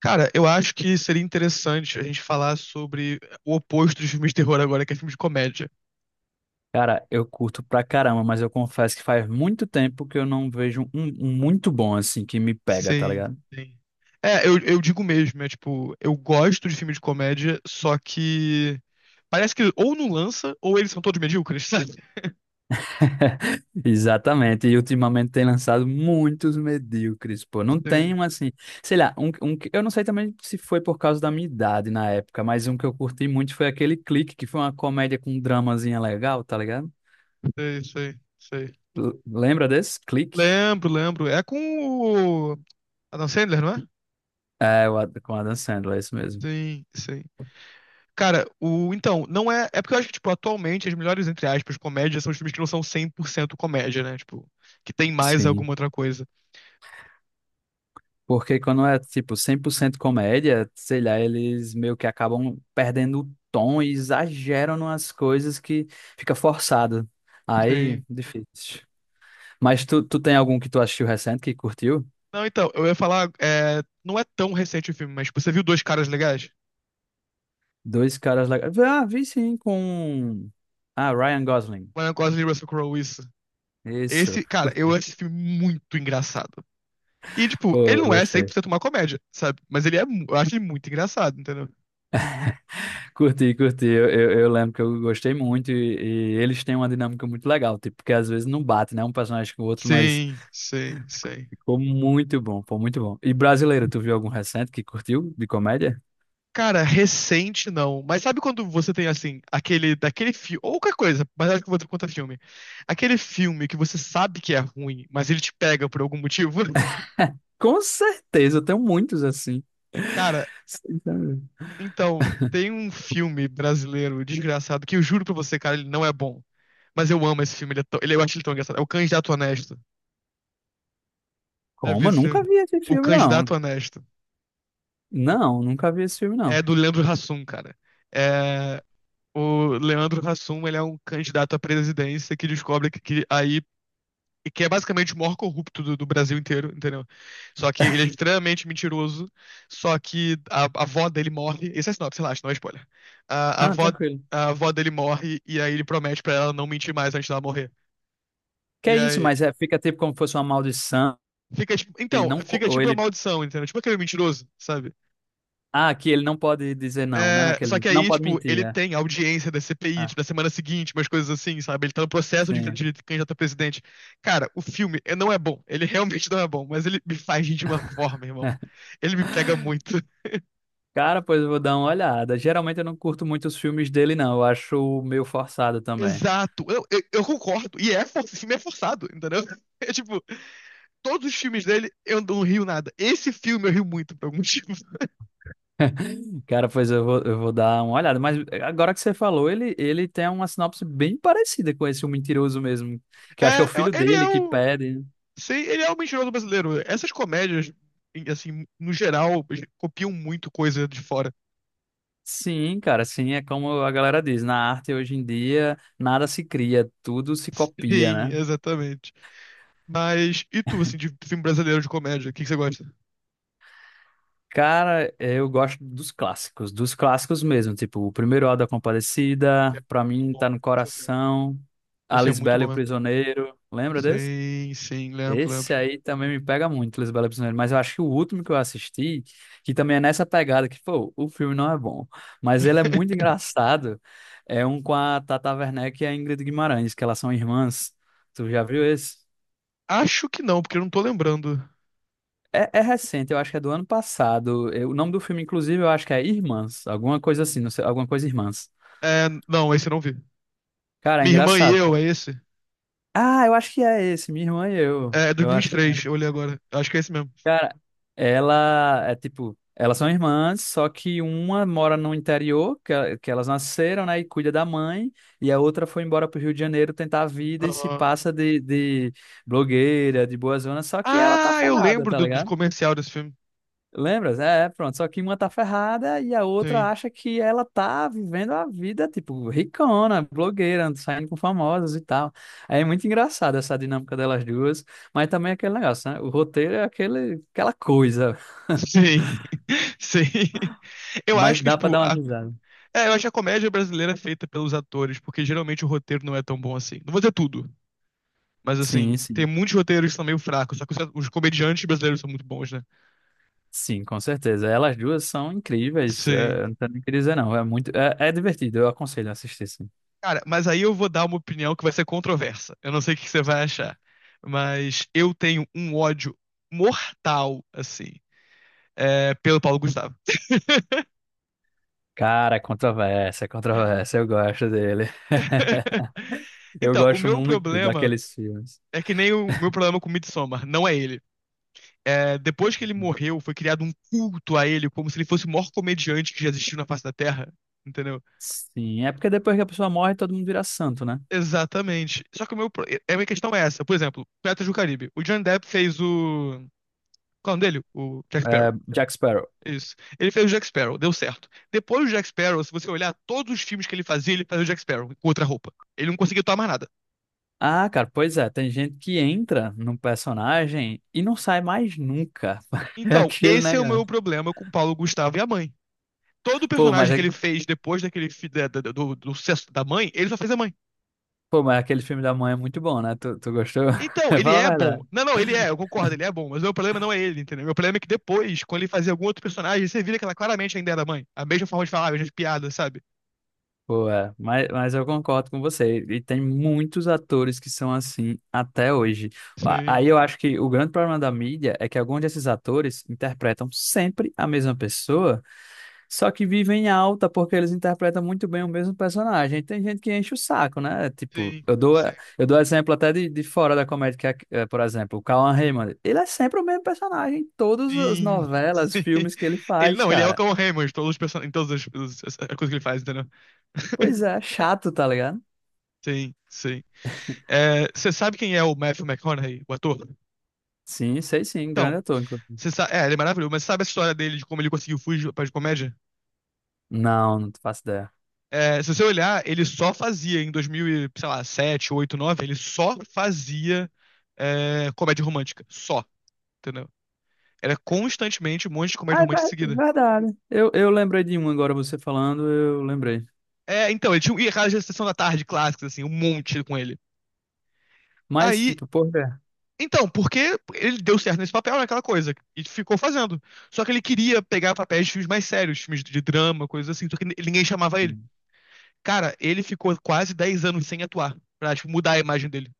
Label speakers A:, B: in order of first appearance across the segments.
A: Cara, eu acho que seria interessante a gente falar sobre o oposto dos filmes de terror agora, que é filme de comédia.
B: Cara, eu curto pra caramba, mas eu confesso que faz muito tempo que eu não vejo um muito bom assim que me pega, tá
A: Sim,
B: ligado?
A: sim. É, eu digo mesmo, é tipo, eu gosto de filme de comédia, só que parece que ou não lança, ou eles são todos medíocres, sabe?
B: Exatamente. E ultimamente tem lançado muitos medíocres, pô. Não tem
A: Sim,
B: um assim, sei lá, um que eu não sei também se foi por causa da minha idade na época, mas um que eu curti muito foi aquele Clique, que foi uma comédia com um dramazinha legal, tá ligado?
A: sei, sei, sei.
B: Lembra desse? Clique?
A: Lembro, lembro. É com o Adam Sandler, não é?
B: É, com Adam Sandler, é isso mesmo.
A: Sim, sim. Cara, o. então, não é. É porque eu acho que, tipo, atualmente as melhores, entre aspas, comédias são os filmes que não são 100% comédia, né? Tipo, que tem mais
B: Sim.
A: alguma outra coisa.
B: Porque quando é, tipo, 100% comédia, sei lá, eles meio que acabam perdendo o tom e exageram nas coisas que fica forçado. Aí,
A: Sim.
B: difícil. Mas tu tem algum que tu assistiu recente que curtiu?
A: Não, então, eu ia falar. Não é tão recente o filme, mas, tipo, você viu Dois Caras Legais?
B: Dois caras legais. Ah, vi sim, com... Ah, Ryan Gosling.
A: Ryan Gosling e Russell Crowe, isso.
B: Isso.
A: Esse, cara, eu
B: Curti.
A: acho esse filme muito engraçado. E, tipo, ele
B: Pô,
A: não é cem por
B: gostei.
A: cento uma comédia, sabe? Mas ele é. Eu acho ele muito engraçado, entendeu?
B: Curti, curti. Eu lembro que eu gostei muito e eles têm uma dinâmica muito legal, tipo, porque às vezes não bate, né? Um personagem com o outro, mas
A: Sim, sim, sim.
B: ficou muito bom, pô, muito bom. E brasileiro, tu viu algum recente que curtiu de comédia?
A: Cara, recente não. Mas sabe quando você tem assim, aquele daquele filme, ou qualquer coisa, mas acho que eu vou ter conta filme. Aquele filme que você sabe que é ruim, mas ele te pega por algum motivo?
B: Com certeza, eu tenho muitos assim.
A: Cara,
B: Sim, tá vendo?
A: então, tem um filme brasileiro desgraçado que eu juro pra você, cara, ele não é bom. Mas eu amo esse filme, ele é eu acho ele tão engraçado. É o Candidato Honesto. Já vi
B: Como? Eu
A: esse
B: nunca
A: filme?
B: vi esse
A: O
B: filme, não.
A: Candidato Honesto.
B: Não, nunca vi esse filme,
A: É
B: não.
A: do Leandro Hassum, cara. É, o Leandro Hassum, ele é um candidato à presidência que descobre que aí e que é basicamente o maior corrupto do Brasil inteiro, entendeu? Só que ele é extremamente mentiroso, só que a avó dele morre. Esse é sinopse, relaxa, não é spoiler. A, a
B: Ah,
A: avó,
B: tranquilo.
A: a avó dele morre e aí ele promete pra ela não mentir mais antes dela morrer.
B: Que
A: E
B: é isso,
A: aí
B: mas é, fica tipo como se fosse uma maldição.
A: fica tipo,
B: E
A: então,
B: não, co-
A: fica
B: ou
A: tipo uma
B: ele.
A: maldição, entendeu? Tipo aquele mentiroso, sabe?
B: Ah, que ele não pode dizer não, né?
A: É, só
B: Naquele,
A: que
B: não
A: aí,
B: pode
A: tipo, ele
B: mentir. É.
A: tem audiência da CPI,
B: Ah,
A: tipo, da semana seguinte, umas coisas assim, sabe? Ele tá no processo de,
B: sim.
A: de candidato a presidente. Cara, o filme não é bom. Ele realmente não é bom, mas ele me faz rir de uma forma, irmão. Ele me pega muito.
B: Cara, pois eu vou dar uma olhada. Geralmente eu não curto muito os filmes dele, não. Eu acho meio forçado também.
A: Exato. Eu concordo. E esse filme é forçado, entendeu? É tipo, todos os filmes dele eu não rio nada. Esse filme eu rio muito por algum motivo.
B: Cara, pois eu vou dar uma olhada. Mas agora que você falou, ele tem uma sinopse bem parecida com esse O Mentiroso mesmo. Que eu acho que é o
A: É, eu-
B: filho
A: ele
B: dele
A: é
B: que
A: o.
B: pede, né?
A: sei, ele é o mentiroso brasileiro. Essas comédias, assim, no geral, copiam muito coisa de fora.
B: Sim, cara, sim, é como a galera diz. Na arte hoje em dia, nada se cria, tudo se copia,
A: Sim,
B: né?
A: exatamente. Mas, e tu, assim, de filme brasileiro de comédia, o que que você gosta?
B: Cara, eu gosto dos clássicos mesmo. Tipo, o primeiro Auto da
A: Que
B: Compadecida,
A: é
B: pra
A: muito
B: mim tá
A: bom,
B: no
A: nossa senhora.
B: coração.
A: Esse é
B: Alice
A: muito
B: Bell e
A: bom
B: o
A: mesmo.
B: Prisioneiro. Lembra desse?
A: Sim, sim, lembro,
B: Esse
A: lembro.
B: aí também me pega muito, Lisbela Prisioneira, mas eu acho que o último que eu assisti, que também é nessa pegada, que, pô, o filme não é bom, mas ele é muito engraçado, é um com a Tata Werneck e a Ingrid Guimarães, que elas são irmãs. Tu já viu esse?
A: Acho que não, porque eu não tô lembrando.
B: É, é recente, eu acho que é do ano passado. O nome do filme, inclusive, eu acho que é Irmãs, alguma coisa assim, não sei, alguma coisa Irmãs.
A: É, não, esse eu não vi.
B: Cara, é
A: Minha irmã e
B: engraçado,
A: eu,
B: pô.
A: é esse?
B: Ah, eu acho que é esse, Minha Irmã e Eu.
A: É, é
B: Eu acho.
A: 2023, eu olhei agora. Acho que é esse mesmo.
B: Cara, elas são irmãs, só que uma mora no interior, que, que elas nasceram, né, e cuida da mãe, e a outra foi embora pro Rio de Janeiro tentar a vida e se
A: Aham.
B: passa de blogueira, de boa zona, só que ela tá
A: Ah, eu
B: ferrada,
A: lembro
B: tá
A: do
B: ligado?
A: comercial desse filme.
B: Lembras? É, pronto. Só que uma tá ferrada e a outra
A: Sim.
B: acha que ela tá vivendo a vida, tipo, ricona, blogueira, saindo com famosos e tal. Aí é muito engraçado essa dinâmica delas duas. Mas também é aquele negócio, né? O roteiro é aquele, aquela coisa.
A: Sim. Sim. Eu
B: Mas
A: acho que,
B: dá pra
A: tipo,
B: dar uma
A: a,
B: risada.
A: É, eu acho a comédia brasileira é feita pelos atores, porque geralmente o roteiro não é tão bom assim. Não vou dizer tudo, mas assim,
B: Sim,
A: tem
B: sim.
A: muitos roteiros que são meio fracos, só que os comediantes brasileiros são muito bons, né?
B: Sim, com certeza. Elas duas são incríveis.
A: Sim.
B: É, não tenho nem o que dizer, não. É, é divertido. Eu aconselho a assistir, sim.
A: Cara, mas aí eu vou dar uma opinião que vai ser controversa. Eu não sei o que você vai achar, mas eu tenho um ódio mortal, assim, pelo Paulo Gustavo.
B: Cara, é controvérsia, é controvérsia. Eu gosto dele. Eu
A: Então, o
B: gosto
A: meu
B: muito
A: problema
B: daqueles filmes.
A: é que nem o meu problema com Midsommar, não é ele. Depois que ele morreu, foi criado um culto a ele, como se ele fosse o maior comediante que já existiu na face da Terra. Entendeu?
B: Sim, é porque depois que a pessoa morre, todo mundo vira santo, né?
A: Exatamente. Só que o meu, pro- é, a minha questão é essa. Por exemplo, Piratas do Caribe. O Johnny Depp fez o. Qual é o nome dele? O Jack
B: É,
A: Sparrow.
B: Jack Sparrow.
A: Isso. Ele fez o Jack Sparrow, deu certo. Depois do Jack Sparrow, se você olhar todos os filmes que ele fazia o Jack Sparrow com outra roupa. Ele não conseguiu tomar nada.
B: Ah, cara, pois é. Tem gente que entra num personagem e não sai mais nunca. É
A: Então,
B: aquele
A: esse é o meu
B: negócio.
A: problema com o Paulo Gustavo e a mãe. Todo
B: Pô, mas
A: personagem que
B: é
A: ele fez depois daquele do sucesso da mãe, ele só fez a mãe.
B: Pô, mas aquele filme da mãe é muito bom, né? Tu gostou?
A: Então, ele
B: Fala a
A: é bom.
B: verdade.
A: Não, não, ele é, eu concordo, ele é bom, mas o meu problema não é ele, entendeu? Meu problema é que depois, quando ele fazia algum outro personagem, você vira que ela claramente ainda era mãe. A mesma forma de falar, as mesmas piadas, sabe?
B: Pô, é, mas, eu concordo com você. E tem muitos atores que são assim até hoje.
A: Sim,
B: Aí eu acho que o grande problema da mídia é que alguns desses atores interpretam sempre a mesma pessoa, só que vivem em alta porque eles interpretam muito bem o mesmo personagem. Tem gente que enche o saco, né? Tipo,
A: sim, sim.
B: eu dou exemplo até de fora da comédia, por exemplo, o Cauan Raymond. Ele é sempre o mesmo personagem em todas as
A: Sim,
B: novelas,
A: sim.
B: filmes que ele
A: Ele
B: faz,
A: não, ele é o
B: cara.
A: Cão Raymond, em todas as as coisas que ele faz, entendeu?
B: Pois é, chato, tá ligado?
A: Sim, sim. É, você sabe quem é o Matthew McConaughey, o ator?
B: Sim, sei sim,
A: Então,
B: grande ator, inclusive.
A: você sabe. É, ele é maravilhoso, mas sabe a história dele de como ele conseguiu fugir para de comédia?
B: Não, não faço ideia.
A: É, se você olhar, ele só fazia em 2007, 8, 9, ele só fazia comédia romântica. Só, entendeu? Era constantemente um monte de comédia
B: Ah,
A: romântica em seguida.
B: verdade. Eu lembrei de um agora, você falando, eu lembrei.
A: É, então, ele tinha um, e aquelas de sessão da tarde clássicas, assim, um monte com ele.
B: Mas,
A: Aí,
B: tipo, porra.
A: então, porque ele deu certo nesse papel, naquela coisa, e ficou fazendo. Só que ele queria pegar papéis de filmes mais sérios, filmes de drama, coisas assim, só que ninguém chamava ele. Cara, ele ficou quase 10 anos sem atuar, pra, tipo, mudar a imagem dele.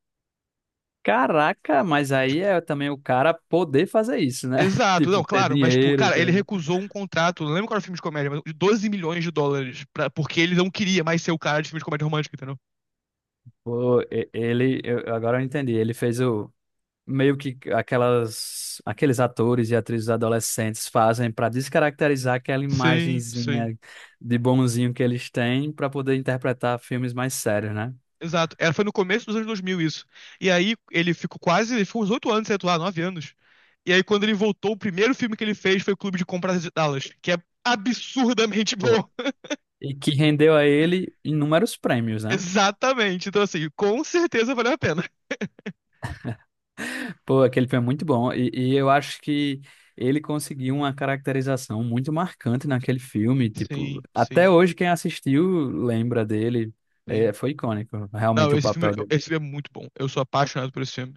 B: Caraca, mas aí é também o cara poder fazer isso, né?
A: Exato, não,
B: Tipo, ter
A: claro, mas, tipo,
B: dinheiro.
A: cara, ele
B: Ter...
A: recusou um contrato, não lembro qual era o filme de comédia, mas de 12 milhões de dólares, porque ele não queria mais ser o cara de filme de comédia romântica, entendeu?
B: Pô, e- ele, eu- Agora eu entendi. Ele fez o meio que aquelas, aqueles atores e atrizes adolescentes fazem para descaracterizar aquela
A: Sim, sim.
B: imagenzinha de bonzinho que eles têm para poder interpretar filmes mais sérios, né?
A: Exato, foi no começo dos anos 2000 isso. E aí ele ficou uns 8 anos sem atuar, 9 anos. E aí quando ele voltou, o primeiro filme que ele fez foi o Clube de Compras de Dallas, que é absurdamente bom.
B: E que rendeu a ele inúmeros prêmios, né?
A: Exatamente, então assim, com certeza valeu a pena.
B: Pô, aquele filme é muito bom. E eu acho que ele conseguiu uma caracterização muito marcante naquele filme. Tipo,
A: Sim,
B: até
A: sim,
B: hoje quem assistiu lembra dele. É,
A: sim.
B: foi icônico.
A: Não,
B: Realmente o
A: esse filme,
B: papel dele
A: esse filme é muito bom, eu sou apaixonado por esse filme.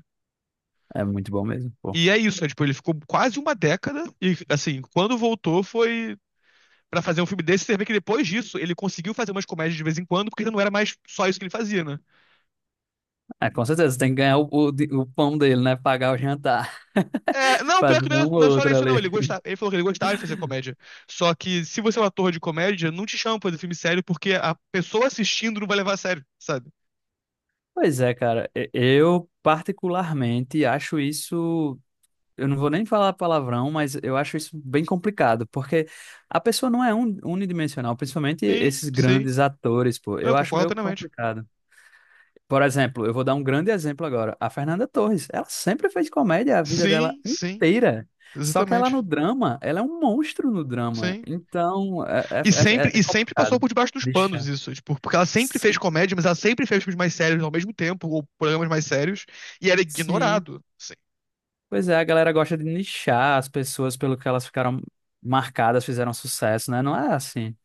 B: é muito bom mesmo. Pô.
A: E é isso, é, tipo, ele ficou quase uma década e, assim, quando voltou foi pra fazer um filme desse, você vê que depois disso ele conseguiu fazer umas comédias de vez em quando, porque não era mais só isso que ele fazia, né?
B: É, com certeza, tem que ganhar o pão dele, né? Pagar o jantar.
A: É, não, pior que
B: Fazer
A: não,
B: um ou
A: não é só
B: outro
A: isso não,
B: ali.
A: ele gostava, ele falou que ele gostava de fazer comédia. Só que se você é um ator de comédia, não te chama pra fazer filme sério, porque a pessoa assistindo não vai levar a sério, sabe?
B: Pois é, cara. Eu particularmente acho isso. Eu não vou nem falar palavrão, mas eu acho isso bem complicado, porque a pessoa não é unidimensional, principalmente
A: Sim,
B: esses
A: sim,
B: grandes atores, pô.
A: eu
B: Eu acho
A: concordo
B: meio
A: plenamente.
B: complicado. Por exemplo, eu vou dar um grande exemplo agora. A Fernanda Torres, ela sempre fez comédia a vida dela
A: Sim, sim,
B: inteira. Só que ela no
A: exatamente,
B: drama, ela é um monstro no drama.
A: sim.
B: Então, é, é,
A: E
B: é
A: sempre,
B: é é
A: e sempre passou
B: complicado.
A: por debaixo dos panos
B: Deixa.
A: isso, tipo, porque ela sempre fez
B: Sim,
A: comédia, mas ela sempre fez filmes mais sérios ao mesmo tempo, ou programas mais sérios, e era
B: sim.
A: ignorado. Sim,
B: Pois é, a galera gosta de nichar as pessoas pelo que elas ficaram marcadas, fizeram sucesso, né? Não é assim.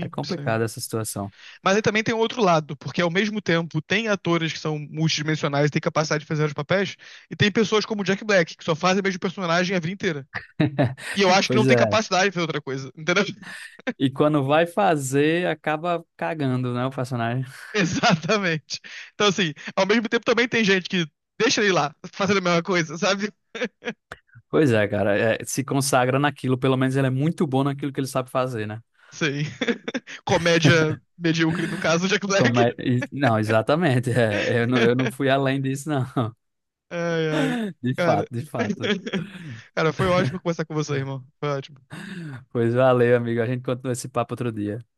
B: É
A: sim.
B: complicada essa situação.
A: Mas aí também tem o outro lado, porque ao mesmo tempo tem atores que são multidimensionais, têm capacidade de fazer os papéis, e tem pessoas como o Jack Black, que só fazem o mesmo personagem a vida inteira. E eu acho que não
B: Pois
A: tem
B: é.
A: capacidade de fazer outra coisa, entendeu?
B: E quando vai fazer, acaba cagando, né, o personagem.
A: Exatamente. Então, assim, ao mesmo tempo também tem gente que deixa ele lá, fazendo a mesma coisa, sabe?
B: Pois é, cara. É, se consagra naquilo. Pelo menos ele é muito bom naquilo que ele sabe fazer, né?
A: Sim. Comédia medíocre, no caso, Jack Black.
B: Não, exatamente. É, eu não fui além disso, não.
A: Ai, ai.
B: De
A: Cara.
B: fato, de fato.
A: Cara, foi ótimo conversar com você, irmão. Foi ótimo.
B: Pois valeu, amigo. A gente continua esse papo outro dia.